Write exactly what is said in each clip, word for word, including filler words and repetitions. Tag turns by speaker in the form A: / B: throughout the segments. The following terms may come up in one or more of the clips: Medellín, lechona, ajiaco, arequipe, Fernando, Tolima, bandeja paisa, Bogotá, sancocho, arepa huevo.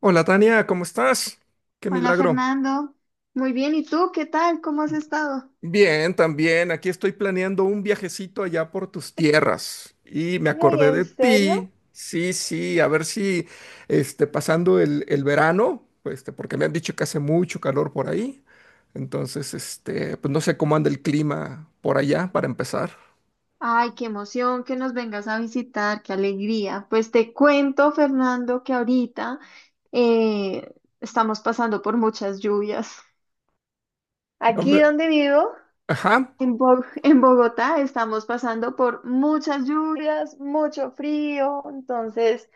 A: Hola Tania, ¿cómo estás? Qué
B: Hola
A: milagro.
B: Fernando, muy bien, ¿y tú qué tal? ¿Cómo has estado?
A: Bien, también. Aquí estoy planeando un viajecito allá por tus tierras y me
B: Ay,
A: acordé
B: ¿en
A: de
B: serio?
A: ti. Sí, sí, a ver si este, pasando el, el verano, pues, este, porque me han dicho que hace mucho calor por ahí. Entonces, este, pues no sé cómo anda el clima por allá para empezar.
B: Ay, qué emoción que nos vengas a visitar, qué alegría. Pues te cuento, Fernando, que ahorita eh, estamos pasando por muchas lluvias.
A: No
B: Aquí
A: me-
B: donde vivo,
A: Ajá.
B: En Bo- en Bogotá estamos pasando por muchas lluvias, mucho frío, entonces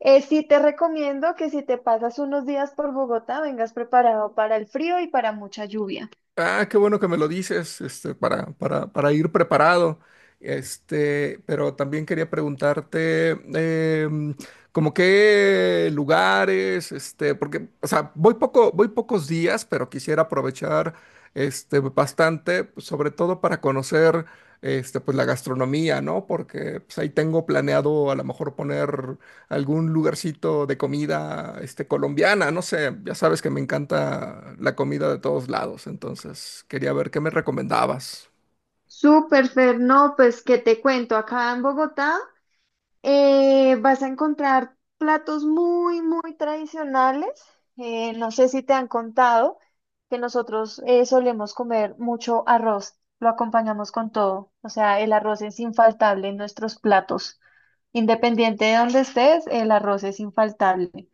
B: eh, sí te recomiendo que si te pasas unos días por Bogotá, vengas preparado para el frío y para mucha lluvia.
A: Ah, qué bueno que me lo dices, este, para, para, para ir preparado. Este, pero también quería preguntarte, em, como qué lugares, este, porque, o sea, voy poco, voy pocos días, pero quisiera aprovechar, este, bastante, pues, sobre todo para conocer, este, pues la gastronomía, ¿no? Porque, pues, ahí tengo planeado a lo mejor poner algún lugarcito de comida, este, colombiana, no sé, ya sabes que me encanta la comida de todos lados, entonces quería ver qué me recomendabas.
B: Súper, Fer, no, pues que te cuento, acá en Bogotá eh, vas a encontrar platos muy, muy tradicionales. Eh, no sé si te han contado que nosotros eh, solemos comer mucho arroz, lo acompañamos con todo, o sea, el arroz es infaltable en nuestros platos. Independiente de donde estés, el arroz es infaltable.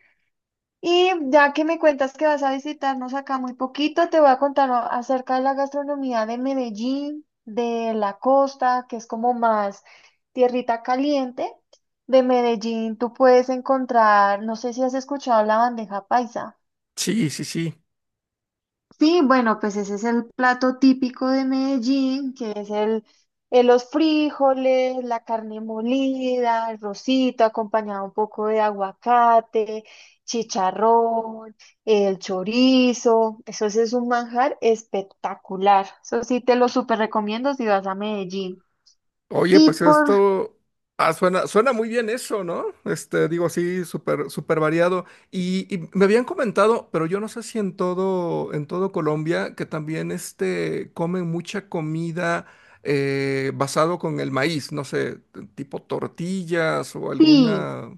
B: Y ya que me cuentas que vas a visitarnos acá muy poquito, te voy a contar a- acerca de la gastronomía de Medellín, de la costa, que es como más tierrita caliente. De Medellín tú puedes encontrar, no sé si has escuchado la bandeja paisa.
A: Sí, sí, sí.
B: Sí, bueno, pues ese es el plato típico de Medellín, que es el, eh, los frijoles, la carne molida, el rosito acompañado un poco de aguacate, chicharrón, el chorizo. Eso sí es un manjar espectacular. Eso sí te lo súper recomiendo si vas a Medellín.
A: Oye,
B: Y
A: pues
B: por
A: esto ah, suena, suena muy bien eso, ¿no? Este, digo, sí, súper, súper variado. Y, y me habían comentado, pero yo no sé si en todo, en todo Colombia, que también este, comen mucha comida eh, basado con el maíz, no sé, t- tipo tortillas o
B: ti,
A: alguna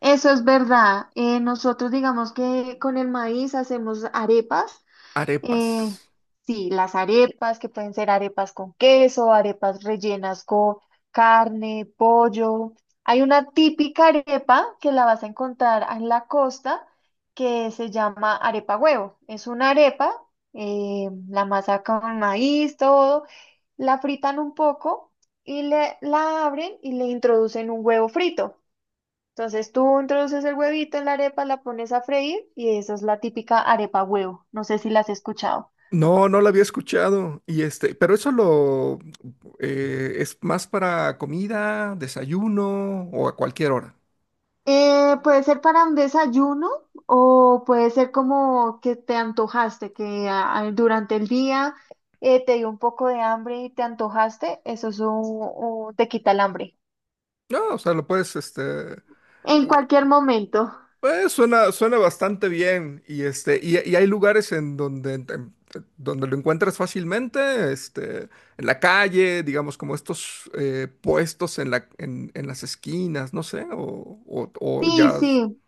B: eso es verdad. eh, nosotros digamos que con el maíz hacemos arepas.
A: Arepas.
B: Eh, sí, las arepas, que pueden ser arepas con queso, arepas rellenas con carne, pollo. Hay una típica arepa que la vas a encontrar en la costa que se llama arepa huevo. Es una arepa, eh, la masa con maíz, todo, la fritan un poco y le, la abren y le introducen un huevo frito. Entonces tú introduces el huevito en la arepa, la pones a freír y esa es la típica arepa huevo. No sé si la has escuchado.
A: No, no la había escuchado. Y este, pero eso lo eh, es más para comida, desayuno o a cualquier hora.
B: Eh, puede ser para un desayuno o puede ser como que te antojaste, que ah, durante el día eh, te dio un poco de hambre y te antojaste, eso es un, un- te quita el hambre.
A: No, o sea, lo puedes, este,
B: En cualquier momento.
A: eh, suena, suena bastante bien. Y este, y, y hay lugares en donde, en- donde lo encuentras fácilmente, este, en la calle, digamos, como estos eh, puestos en la, en, en las esquinas, no sé, o, o, o
B: Sí,
A: ya.
B: sí.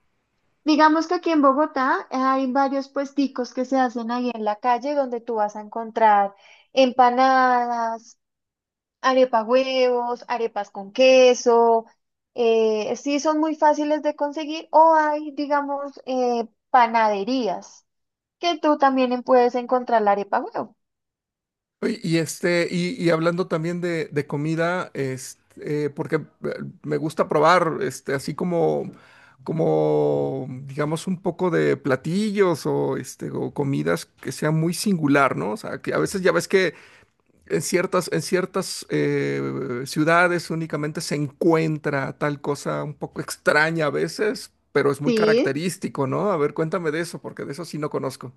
B: Digamos que aquí en Bogotá eh, hay varios puesticos que se hacen ahí en la calle donde tú vas a encontrar empanadas, arepa huevos, arepas con queso, eh, sí son muy fáciles de conseguir o hay, digamos, eh, panaderías que tú también puedes encontrar la arepa huevo.
A: Oye, y este, y, y hablando también de, de comida, este, eh, porque eh, me gusta probar, este, así como, como, digamos, un poco de platillos o este, o comidas que sea muy singular, ¿no? O sea, que a veces ya ves que en ciertas, en ciertas eh, ciudades únicamente se encuentra tal cosa un poco extraña a veces, pero es muy
B: Sí.
A: característico, ¿no? A ver, cuéntame de eso, porque de eso sí no conozco.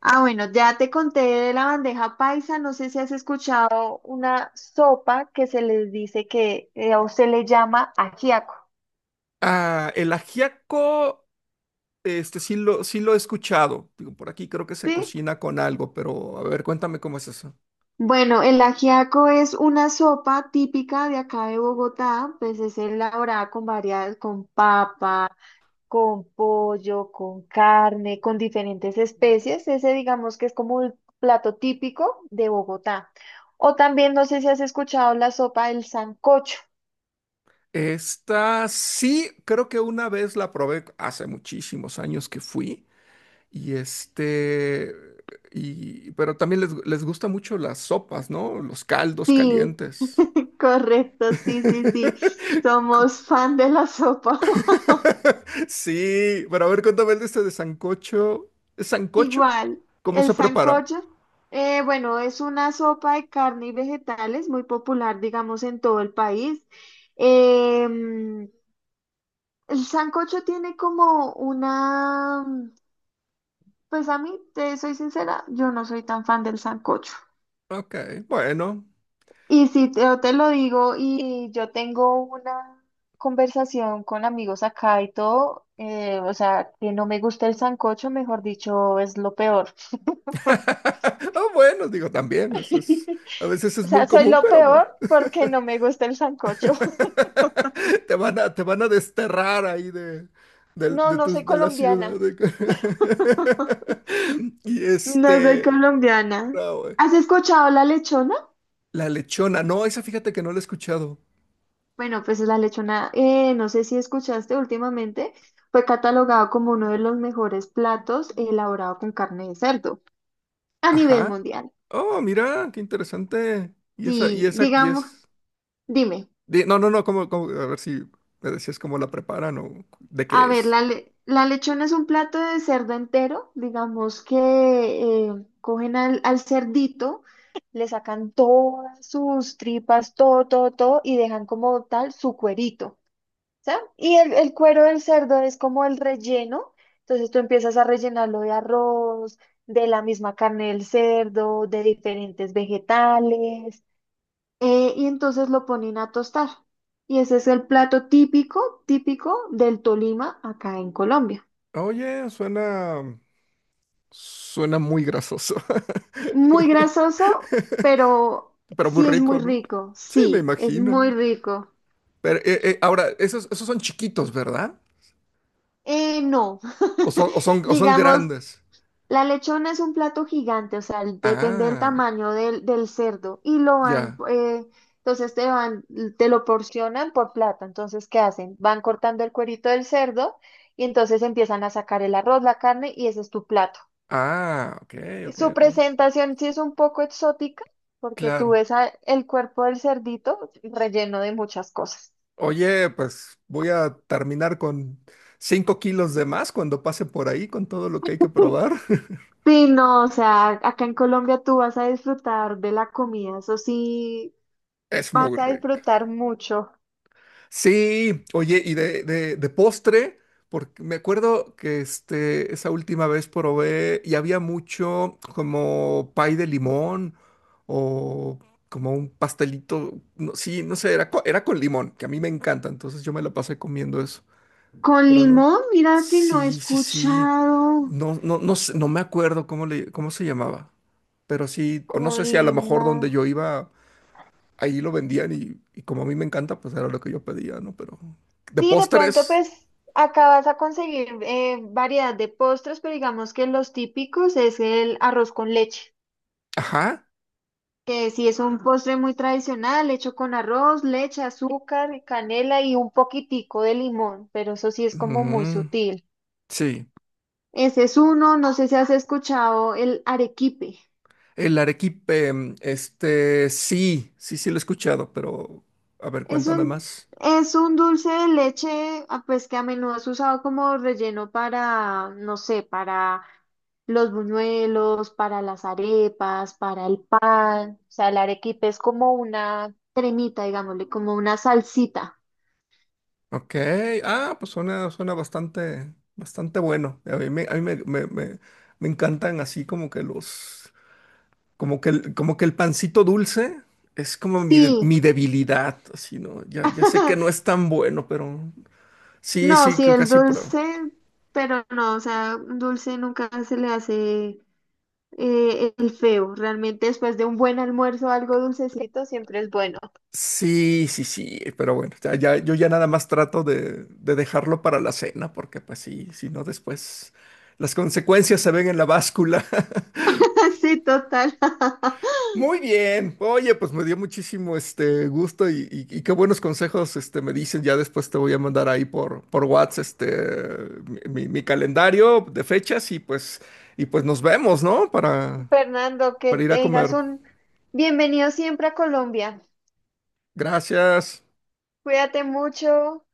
B: Ah, bueno, ya te conté de la bandeja paisa, no sé si has escuchado una sopa que se les dice que eh, o se le llama ajiaco.
A: Ah, el ajiaco. Este sí lo, sí lo he escuchado. Digo, por aquí creo que se
B: Sí,
A: cocina con algo, pero a ver, cuéntame cómo es eso.
B: bueno, el ajiaco es una sopa típica de acá de Bogotá, pues es elaborada con varias, con papa, con pollo, con carne, con diferentes especies. Ese digamos que es como el plato típico de Bogotá. O también, no sé si has escuchado la sopa del sancocho.
A: Esta sí, creo que una vez la probé hace muchísimos años que fui. Y este, y, pero también les, les gusta mucho las sopas, ¿no? Los caldos
B: Sí,
A: calientes.
B: correcto, sí, sí, sí. Somos fan de la sopa.
A: Sí, pero a ver, cuéntame el de este de sancocho. ¿Es sancocho?
B: Igual,
A: ¿Cómo
B: el
A: se prepara?
B: sancocho, eh, bueno, es una sopa de carne y vegetales muy popular, digamos, en todo el país. Em, el sancocho tiene como una... Pues a mí, te soy sincera, yo no soy tan fan del sancocho.
A: Ok, bueno.
B: Y si te, yo te lo digo y yo tengo una conversación con amigos acá y todo, eh, o sea, que no me gusta el sancocho, mejor dicho, es lo peor.
A: Ah, bueno, digo, también, eso es, a veces
B: O
A: es muy
B: sea, soy
A: común,
B: lo
A: pero pues,
B: peor porque no me gusta el sancocho.
A: te van a, te van a desterrar ahí de, del-
B: No,
A: de,
B: no soy
A: tus- de la ciudad.
B: colombiana.
A: de- Y
B: No soy
A: este,
B: colombiana.
A: no, güey.
B: ¿Has escuchado la lechona?
A: La lechona, no, esa fíjate que no la he escuchado.
B: Bueno, pues la lechona, eh, no sé si escuchaste últimamente, fue catalogado como uno de los mejores platos elaborado con carne de cerdo a nivel
A: Ajá.
B: mundial.
A: Oh, mira, qué interesante. Y esa, y
B: Sí,
A: esa, y
B: digamos,
A: es...
B: dime,
A: di- No, no, no, como, como, a ver si me decías cómo la preparan o de
B: a
A: qué
B: ver,
A: es.
B: la, le- la lechona es un plato de cerdo entero, digamos que eh, cogen al, al cerdito, le sacan todas sus tripas, todo, todo, todo, y dejan como tal su cuerito. ¿Ya? Y el, el cuero del cerdo es como el relleno, entonces tú empiezas a rellenarlo de arroz, de la misma carne del cerdo, de diferentes vegetales, eh, y entonces lo ponen a tostar. Y ese es el plato típico, típico del Tolima acá en Colombia.
A: Oye, suena. Suena muy grasoso.
B: Muy grasoso, pero
A: Pero muy
B: sí es muy
A: rico, ¿no?
B: rico,
A: Sí, me
B: sí, es
A: imagino.
B: muy rico.
A: Pero eh, eh, ahora, esos, esos son chiquitos, ¿verdad?
B: Eh, no,
A: O son, o son, o son
B: digamos,
A: grandes.
B: la lechona es un plato gigante, o sea, el- depende del
A: Ah,
B: tamaño del, del cerdo y lo van,
A: ya.
B: eh, entonces te van, te lo porcionan por plato. Entonces, ¿qué hacen? Van cortando el cuerito del cerdo y entonces empiezan a sacar el arroz, la carne y ese es tu plato.
A: Ah, ok,
B: Y
A: ok,
B: su
A: ok.
B: presentación sí es un poco exótica porque tú
A: Claro.
B: ves a- el cuerpo del cerdito relleno de muchas cosas.
A: Oye, pues voy a terminar con cinco kilos de más cuando pase por ahí con todo lo que hay que probar.
B: Sí, no, o sea, acá en Colombia tú vas a disfrutar de la comida, eso sí,
A: Es
B: vas
A: muy
B: a
A: rico.
B: disfrutar mucho.
A: Sí, oye, y de, de, de postre, porque me acuerdo que este, esa última vez probé y había mucho como pay de limón o como un pastelito, no, sí, no sé, era, co- era con limón, que a mí me encanta, entonces yo me la pasé comiendo eso,
B: Con
A: pero no,
B: limón, mira que no he
A: sí, sí, sí,
B: escuchado.
A: no, no, no sé, no me acuerdo cómo le, cómo se llamaba, pero sí, o no
B: Con
A: sé si a lo mejor
B: limón.
A: donde yo iba ahí lo vendían y, y como a mí me encanta, pues era lo que yo pedía, ¿no? Pero de
B: Sí, de pronto
A: postres,
B: pues acá vas a conseguir eh, variedad de postres, pero digamos que los típicos es el arroz con leche,
A: ajá,
B: que sí es un postre muy tradicional, hecho con arroz, leche, azúcar, canela y un poquitico de limón, pero eso sí es como muy
A: mm,
B: sutil.
A: sí,
B: Ese es uno, no sé si has escuchado el arequipe.
A: el arequipe, mm, este, sí, sí, sí lo he escuchado, pero a ver,
B: Es
A: cuéntame
B: un,
A: más.
B: es un dulce de leche, ah, pues que a menudo es usado como relleno para, no sé, para los buñuelos, para las arepas, para el pan. O sea, el arequipe es como una cremita, digámosle, como una salsita.
A: Ok, ah, pues suena, suena bastante, bastante bueno. A mí me, a mí me, me, me- me encantan así como que los, como que el, como que el pancito dulce es como mi, de-
B: Sí,
A: mi debilidad, así, ¿no? Ya, ya sé que no es tan bueno, pero sí,
B: no,
A: sí,
B: sí,
A: que
B: el
A: casi pruebo.
B: dulce, pero no, o sea, un dulce nunca se le hace eh, el feo. Realmente después de un buen almuerzo, algo dulcecito siempre es bueno.
A: Sí, sí, sí, pero bueno, ya, ya- yo ya nada más trato de, de dejarlo para la cena, porque pues sí, si no después las consecuencias se ven en la báscula.
B: Sí, total.
A: Muy bien, oye, pues me dio muchísimo este gusto y, y- y qué buenos consejos este, me dicen, ya después te voy a mandar ahí por, por WhatsApp este, mi, mi- mi calendario de fechas y pues, y pues nos vemos, ¿no? Para,
B: Fernando, que
A: para ir a
B: tengas
A: comer.
B: un bienvenido siempre a Colombia.
A: Gracias.
B: Cuídate mucho.